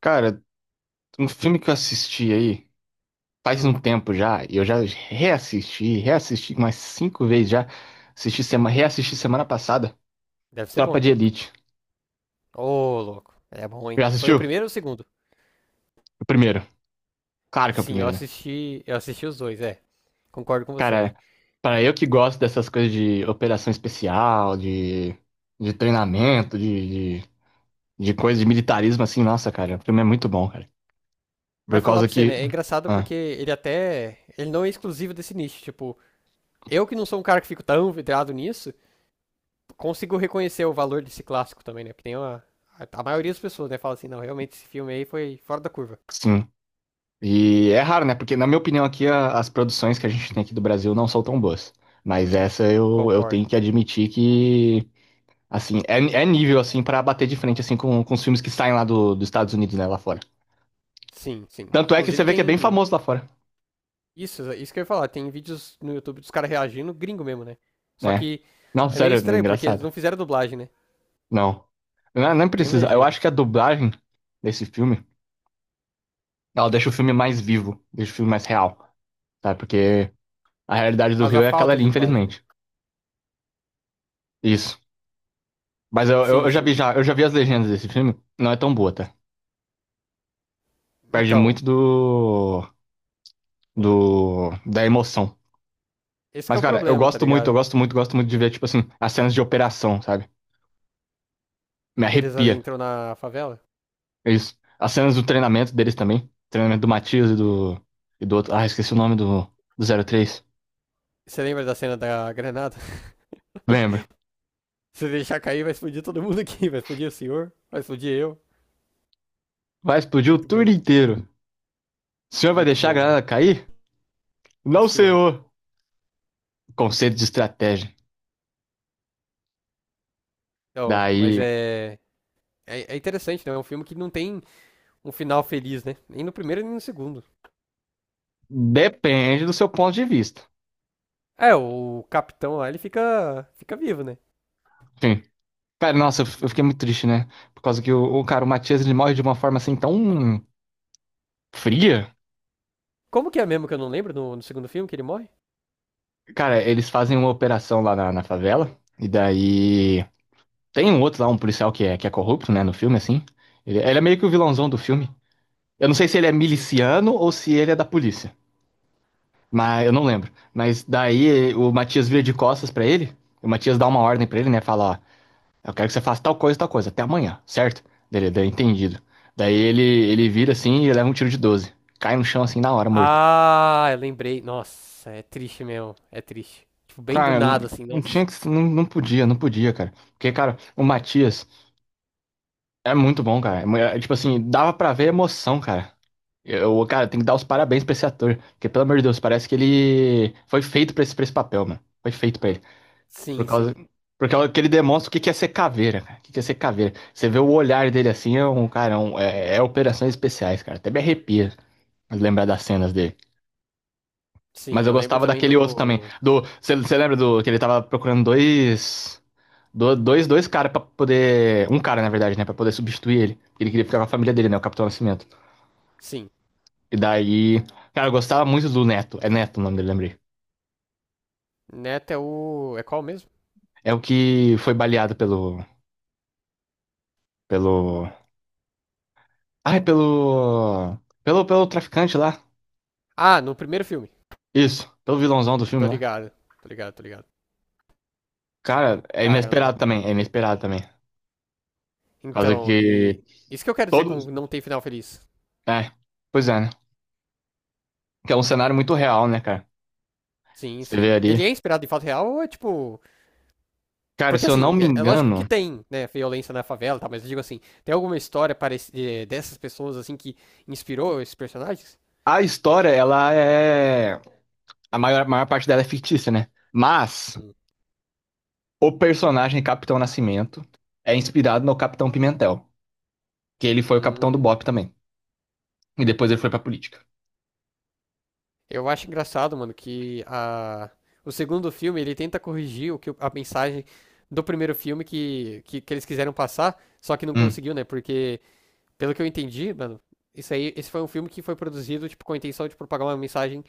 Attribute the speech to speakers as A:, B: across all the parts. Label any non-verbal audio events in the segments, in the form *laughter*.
A: Cara, um filme que eu assisti aí faz
B: Hum,
A: um tempo já, e eu já reassisti umas cinco vezes já. Reassisti semana passada,
B: deve ser bom
A: Tropa de
B: então.
A: Elite.
B: Ô, louco. É bom, hein?
A: Já
B: Foi o
A: assistiu?
B: primeiro ou o segundo?
A: O primeiro. Claro que é o
B: Sim, eu
A: primeiro, né?
B: assisti, eu assisti os dois, é. Concordo com você, mano.
A: Cara, para eu que gosto dessas coisas de operação especial, de treinamento, de coisa de militarismo assim, nossa, cara, o filme é muito bom, cara. Por
B: Mas falar
A: causa
B: pra você,
A: que.
B: né? É engraçado
A: Ah,
B: porque ele até. Ele não é exclusivo desse nicho. Tipo, eu que não sou um cara que fico tão vidrado nisso, consigo reconhecer o valor desse clássico também, né? Porque tem uma. A maioria das pessoas, né, fala assim, não, realmente esse filme aí foi fora da curva.
A: sim. E é raro, né? Porque, na minha opinião, as produções que a gente tem aqui do Brasil não são tão boas. Mas essa eu
B: Concordo.
A: tenho que admitir que, assim, é nível, assim, pra bater de frente, assim, com os filmes que saem lá do, dos Estados Unidos, né? Lá fora.
B: Sim, sim.
A: Tanto é que você
B: Inclusive
A: vê que é bem
B: tem
A: famoso lá fora,
B: isso, isso que eu ia falar. Tem vídeos no YouTube dos caras reagindo, gringo mesmo, né? Só
A: né?
B: que
A: Não,
B: é meio
A: sério, é
B: estranho, porque eles
A: engraçado.
B: não fizeram dublagem, né?
A: Não. Não, não
B: Tem
A: precisa. Eu
B: legenda.
A: acho que a dublagem desse filme, ela deixa o filme mais vivo, deixa o filme mais real, sabe? Porque a realidade
B: Por
A: do
B: causa da
A: Rio é aquela
B: falta
A: ali,
B: de dublagem, né?
A: infelizmente. Isso. Mas eu, eu,
B: Sim,
A: eu já vi
B: sim.
A: já, eu já vi as legendas desse filme. Não é tão boa, tá? Perde
B: Então,
A: muito da emoção.
B: esse que
A: Mas,
B: é o
A: cara,
B: problema, tá
A: eu
B: ligado?
A: gosto muito de ver, tipo assim, as cenas de operação, sabe? Me
B: Que eles
A: arrepia.
B: entram na favela.
A: É isso. As cenas do treinamento deles também. Treinamento do Matias e do outro. Ah, esqueci o nome do, do três.
B: Você lembra da cena da granada? *laughs*
A: Lembra?
B: Se deixar cair, vai explodir todo mundo aqui. Vai explodir o senhor, vai explodir eu.
A: Vai explodir o
B: Muito
A: turno
B: bom.
A: inteiro. O senhor vai
B: Muito
A: deixar a
B: bom, mano.
A: granada cair?
B: É um
A: Não,
B: senhor.
A: senhor. Conceito de estratégia.
B: Então, mas
A: Daí,
B: é interessante, né? É um filme que não tem um final feliz, né? Nem no primeiro, nem no segundo.
A: depende do seu ponto de vista.
B: É, o capitão lá, ele fica vivo, né?
A: Enfim, cara, nossa, eu fiquei muito triste, né? Por causa que o cara, o Matias, ele morre de uma forma assim tão fria.
B: Como que é mesmo que eu não lembro no segundo filme que ele morre?
A: Cara, eles fazem uma operação lá na favela. E daí. Tem um outro lá, um policial que é corrupto, né? No filme, assim. Ele é meio que o vilãozão do filme. Eu não sei se ele é
B: Hum.
A: miliciano ou se ele é da polícia. Mas eu não lembro. Mas daí o Matias vira de costas pra ele. O Matias dá uma ordem pra ele, né? Fala, ó. Eu quero que você faça tal coisa, até amanhã, certo? Dele, daí entendido. Daí ele vira assim e leva um tiro de 12, cai no chão assim na hora, morto.
B: Ah, eu lembrei. Nossa, é triste mesmo. É triste. Tipo, bem do
A: Cara,
B: nada, assim,
A: não tinha
B: nossa.
A: que. Não, não podia, cara. Porque, cara, o Matias é muito bom, cara. Tipo assim, dava pra ver a emoção, cara. Eu, cara, tem que dar os parabéns pra esse ator. Porque, pelo amor de Deus, parece que ele foi feito pra esse papel, mano. Foi feito pra ele. Por
B: Sim,
A: causa,
B: sim.
A: por causa que ele demonstra o que que é ser caveira, cara. O que que é ser caveira. Você vê o olhar dele assim, é um cara, é operações especiais, cara. Até me arrepia lembrar das cenas dele. Mas
B: Sim,
A: eu
B: eu lembro
A: gostava
B: também
A: daquele outro também.
B: do.
A: Do, você lembra do que ele tava procurando dois caras pra poder, um cara na verdade, né, pra poder substituir ele. Ele queria ficar com a família dele, né, o Capitão Nascimento.
B: Sim.
A: E daí, cara, eu gostava muito do Neto. É Neto o nome dele, lembrei.
B: Neto é o. É qual mesmo?
A: É o que foi baleado pelo, ai, pelo, pelo traficante lá.
B: Ah, no primeiro filme.
A: Isso, pelo vilãozão do filme,
B: Tô
A: lá,
B: ligado. Tô ligado.
A: cara, é
B: Caramba.
A: inesperado também, é inesperado também. Por causa
B: Então,
A: que
B: e. Isso que eu quero dizer com
A: todos.
B: não tem final feliz.
A: É, pois é, né? Que é um cenário muito real, né, cara?
B: Sim,
A: Você vê
B: sim.
A: ali.
B: Ele é inspirado em fato real ou é tipo.
A: Cara,
B: Porque
A: se eu não
B: assim,
A: me
B: é, é lógico que
A: engano,
B: tem, né, violência na favela, tá? Mas eu digo assim, tem alguma história dessas pessoas assim que inspirou esses personagens?
A: a história, ela é. A maior parte dela é fictícia, né? Mas
B: Hum.
A: o personagem Capitão Nascimento é inspirado no Capitão Pimentel, que ele foi o capitão do
B: Hum.
A: BOPE também. E depois ele foi pra política.
B: Eu acho engraçado, mano, que a... o segundo filme ele tenta corrigir o a mensagem do primeiro filme que eles quiseram passar, só que não
A: Hum.
B: conseguiu, né? Porque, pelo que eu entendi, mano, isso aí, esse foi um filme que foi produzido, tipo, com a intenção de propagar uma mensagem,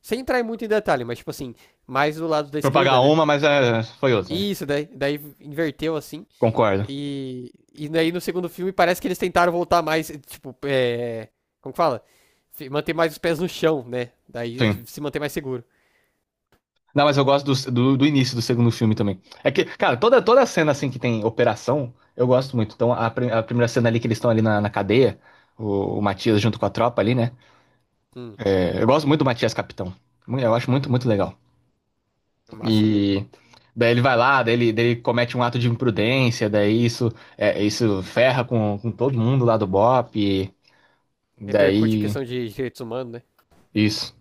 B: sem entrar muito em detalhe, mas, tipo assim, mais do lado da esquerda,
A: Propagar
B: né?
A: uma, mas é, foi outra, né?
B: E isso, daí inverteu assim.
A: Concordo.
B: E daí no segundo filme parece que eles tentaram voltar mais, tipo, é, como que fala? Manter mais os pés no chão, né? Daí se manter mais seguro.
A: Não, mas eu gosto do início do segundo filme também. É que, cara, toda, toda cena assim que tem operação, eu gosto muito. Então, a primeira cena ali que eles estão ali na cadeia, o Matias junto com a tropa ali, né?
B: Hum,
A: É, eu gosto muito do Matias Capitão. Mu- Eu acho muito, muito legal.
B: massa mesmo.
A: E daí ele vai lá, daí ele comete um ato de imprudência, daí isso, é, isso ferra com todo mundo lá do BOP, e
B: Repercute a
A: daí
B: questão de direitos humanos, né?
A: isso.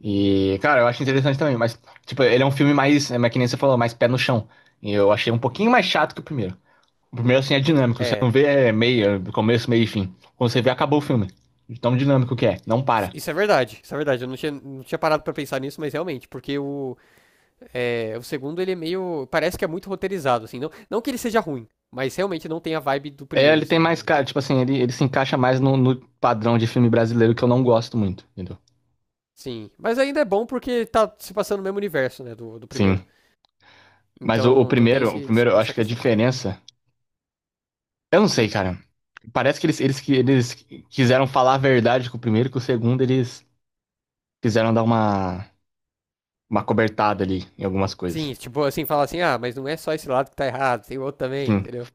A: E, cara, eu acho interessante também, mas, tipo, ele é um filme mais, é, mas que nem você falou, mais pé no chão. E eu achei um
B: Sim.
A: pouquinho mais chato que o primeiro. O primeiro, assim, é dinâmico, você
B: É,
A: não vê começo, meio e fim. Quando você vê, acabou o filme. De tão dinâmico que é, não para.
B: isso é verdade, isso é verdade. Eu não tinha parado pra pensar nisso, mas realmente, porque o segundo ele é meio, parece que é muito roteirizado, assim. Não, não que ele seja ruim, mas realmente não tem a vibe do
A: É,
B: primeiro,
A: ele tem
B: assim.
A: mais, cara, tipo assim, ele se encaixa mais no padrão de filme brasileiro que eu não gosto muito, entendeu?
B: Sim, mas ainda é bom porque tá se passando no mesmo universo, né, do primeiro.
A: Sim. Mas
B: Então, então tem
A: o primeiro, eu acho
B: essa
A: que a
B: questão.
A: diferença. Eu não sei,
B: Hum.
A: cara. Parece que que eles quiseram falar a verdade com o primeiro, que o segundo eles quiseram dar uma cobertada ali em algumas
B: Sim,
A: coisas.
B: tipo assim, fala assim, ah, mas não é só esse lado que tá errado, tem o outro também,
A: Sim,
B: entendeu?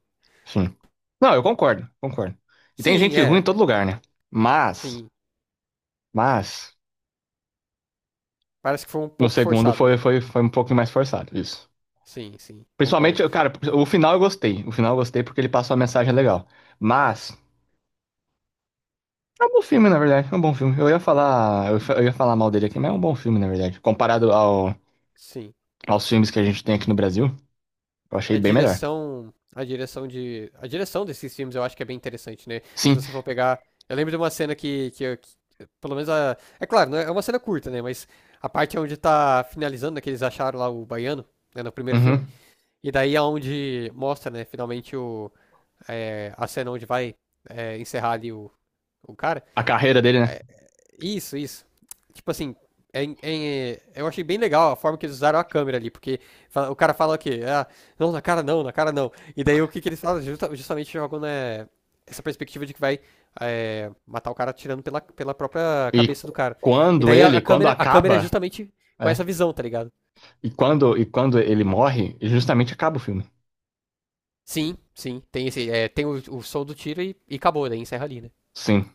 A: sim. Não, eu concordo, concordo. E tem
B: Sim,
A: gente ruim
B: é,
A: em todo lugar, né? Mas,
B: sim.
A: mas,
B: Parece que foi um
A: no
B: pouco
A: segundo
B: forçado, né?
A: foi um pouco mais forçado, isso.
B: Sim, sim,
A: Principalmente,
B: concordo.
A: cara, o final eu gostei. O final eu gostei porque ele passou uma mensagem legal. Mas, é um bom filme, na verdade. É um bom filme. Eu ia falar, eu ia falar mal dele aqui, mas é um bom filme, na verdade. Comparado ao,
B: Sim.
A: aos filmes que a gente tem aqui no Brasil, eu achei
B: A
A: bem melhor.
B: direção desses filmes eu acho que é bem interessante, né? Se
A: Sim,
B: você for pegar, eu lembro de uma cena que pelo menos a, é claro, não é é uma cena curta, né? Mas a parte onde tá finalizando, né, que eles acharam lá o baiano, né, no primeiro filme,
A: uhum.
B: e daí é onde mostra, né, finalmente a cena onde vai encerrar ali o cara.
A: A carreira dele, né?
B: É, isso, isso. Tipo assim, eu achei bem legal a forma que eles usaram a câmera ali, porque o cara fala o quê? Ah, não, na cara não, na cara não. E daí o que, que eles falam? Justamente jogam né, essa perspectiva de que vai matar o cara atirando pela, pela própria
A: E
B: cabeça do cara. E
A: quando
B: daí a,
A: ele,
B: a
A: quando
B: câmera, a câmera é
A: acaba.
B: justamente com
A: É.
B: essa visão, tá ligado?
A: E quando ele morre, justamente acaba o filme.
B: Sim, sim, tem esse, é, tem o som do tiro e acabou, daí encerra ali, né?
A: Sim.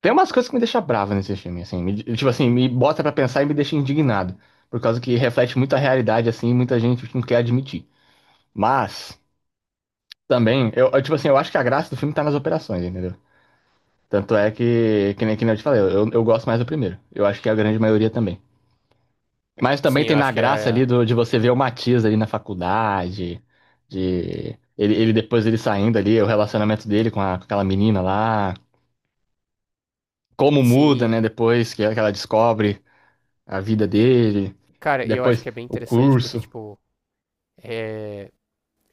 A: Tem umas coisas que me deixam bravo nesse filme, assim. Tipo assim, me bota pra pensar e me deixa indignado. Por causa que reflete muito a realidade, assim, e muita gente não quer admitir. Mas, também, tipo assim, eu acho que a graça do filme tá nas operações, entendeu? Tanto é que nem eu te falei, eu gosto mais do primeiro. Eu acho que é a grande maioria também. Mas também
B: Sim,
A: tem
B: eu
A: na
B: acho que
A: graça ali
B: é,
A: do, de você ver o Matias ali na faculdade, de... Ele depois ele saindo ali, o relacionamento dele com, com aquela menina lá. Como muda,
B: sim.
A: né? Depois que ela descobre a vida dele, e
B: Cara, eu acho
A: depois
B: que é bem
A: o
B: interessante porque,
A: curso.
B: tipo, é,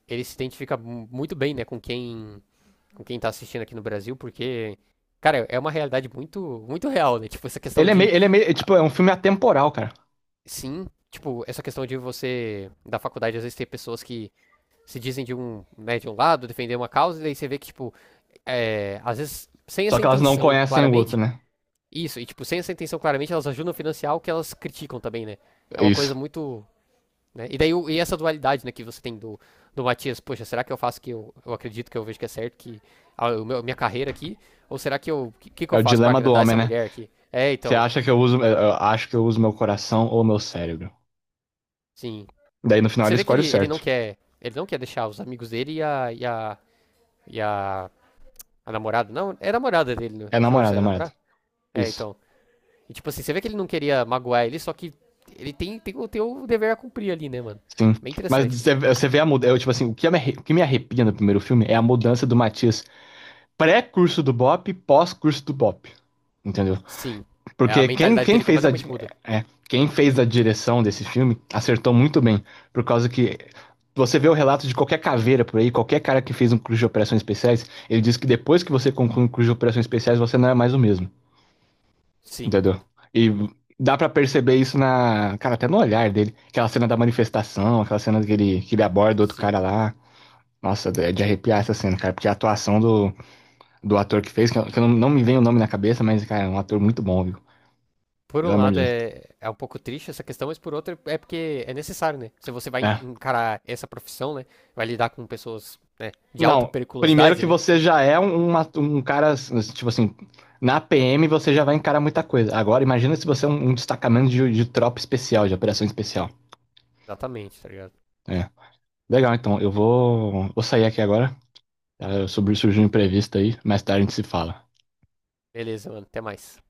B: ele se identifica muito bem, né, com quem tá assistindo aqui no Brasil, porque, cara, é uma realidade muito, muito real, né? Tipo, essa questão de,
A: Ele é meio, é,
B: ah,
A: tipo, é um filme atemporal, cara.
B: sim, tipo, essa questão de você, da faculdade, às vezes tem pessoas que se dizem de um, né, de um lado, defender uma causa, e daí você vê que, tipo, é, às vezes, sem
A: Só
B: essa
A: que elas não
B: intenção,
A: conhecem o outro,
B: claramente,
A: né?
B: isso, e, tipo, sem essa intenção, claramente, elas ajudam a financiar o que elas criticam também, né? É
A: É
B: uma coisa
A: isso.
B: muito. Né? E daí e essa dualidade né, que você tem do Matias, poxa, será que eu faço que eu acredito que eu vejo que é certo, que minha carreira aqui, ou será que eu, que
A: É
B: eu
A: o
B: faço para
A: dilema do
B: agradar
A: homem,
B: essa
A: né?
B: mulher aqui? É,
A: Você
B: então,
A: acha que eu uso, eu acho que eu uso meu coração ou meu cérebro?
B: sim.
A: Daí no final
B: Você
A: ele
B: vê que
A: escolhe
B: ele,
A: o certo.
B: ele não quer deixar os amigos dele e e a, a namorada, não, é a namorada dele, né?
A: É
B: Chegou
A: namorada,
B: a
A: namorada.
B: namorar? É,
A: Isso.
B: então. E tipo assim, você vê que ele não queria magoar ele, só que ele tem, tem, tem o dever a cumprir ali, né, mano?
A: Sim.
B: Bem
A: Mas
B: interessante, mano.
A: você vê a mudança. Tipo assim, o que me arrepia no primeiro filme é a mudança do Matias pré-curso do Bop, pós-curso do Bop. Entendeu?
B: Sim. É, a
A: Porque
B: mentalidade dele completamente muda.
A: é, quem fez a direção desse filme acertou muito bem. Por causa que você vê o relato de qualquer caveira por aí, qualquer cara que fez um curso de operações especiais, ele diz que depois que você conclui um curso de operações especiais, você não é mais o mesmo.
B: Sim,
A: Entendeu? E dá pra perceber isso na. Cara, até no olhar dele. Aquela cena da manifestação, aquela cena que ele aborda outro
B: sim.
A: cara lá. Nossa, é de arrepiar essa cena, cara, porque a atuação do, do ator que fez, que eu não, não me vem o nome na cabeça, mas, cara, é um ator muito bom, viu?
B: Por
A: Pelo
B: um
A: amor de
B: lado
A: Deus.
B: é, é um pouco triste essa questão, mas por outro é porque é necessário, né? Se você vai
A: É,
B: encarar essa profissão, né? Vai lidar com pessoas, né, de alta
A: não, primeiro
B: periculosidade,
A: que
B: né?
A: você já é um cara, tipo assim, na PM você já vai encarar muita coisa. Agora, imagina se você é um destacamento de tropa especial, de operação especial.
B: Exatamente, tá ligado?
A: É. Legal, então, vou sair aqui agora. Ah, sobre, surgiu um imprevisto aí, mais tarde a gente se fala.
B: Beleza, mano, até mais.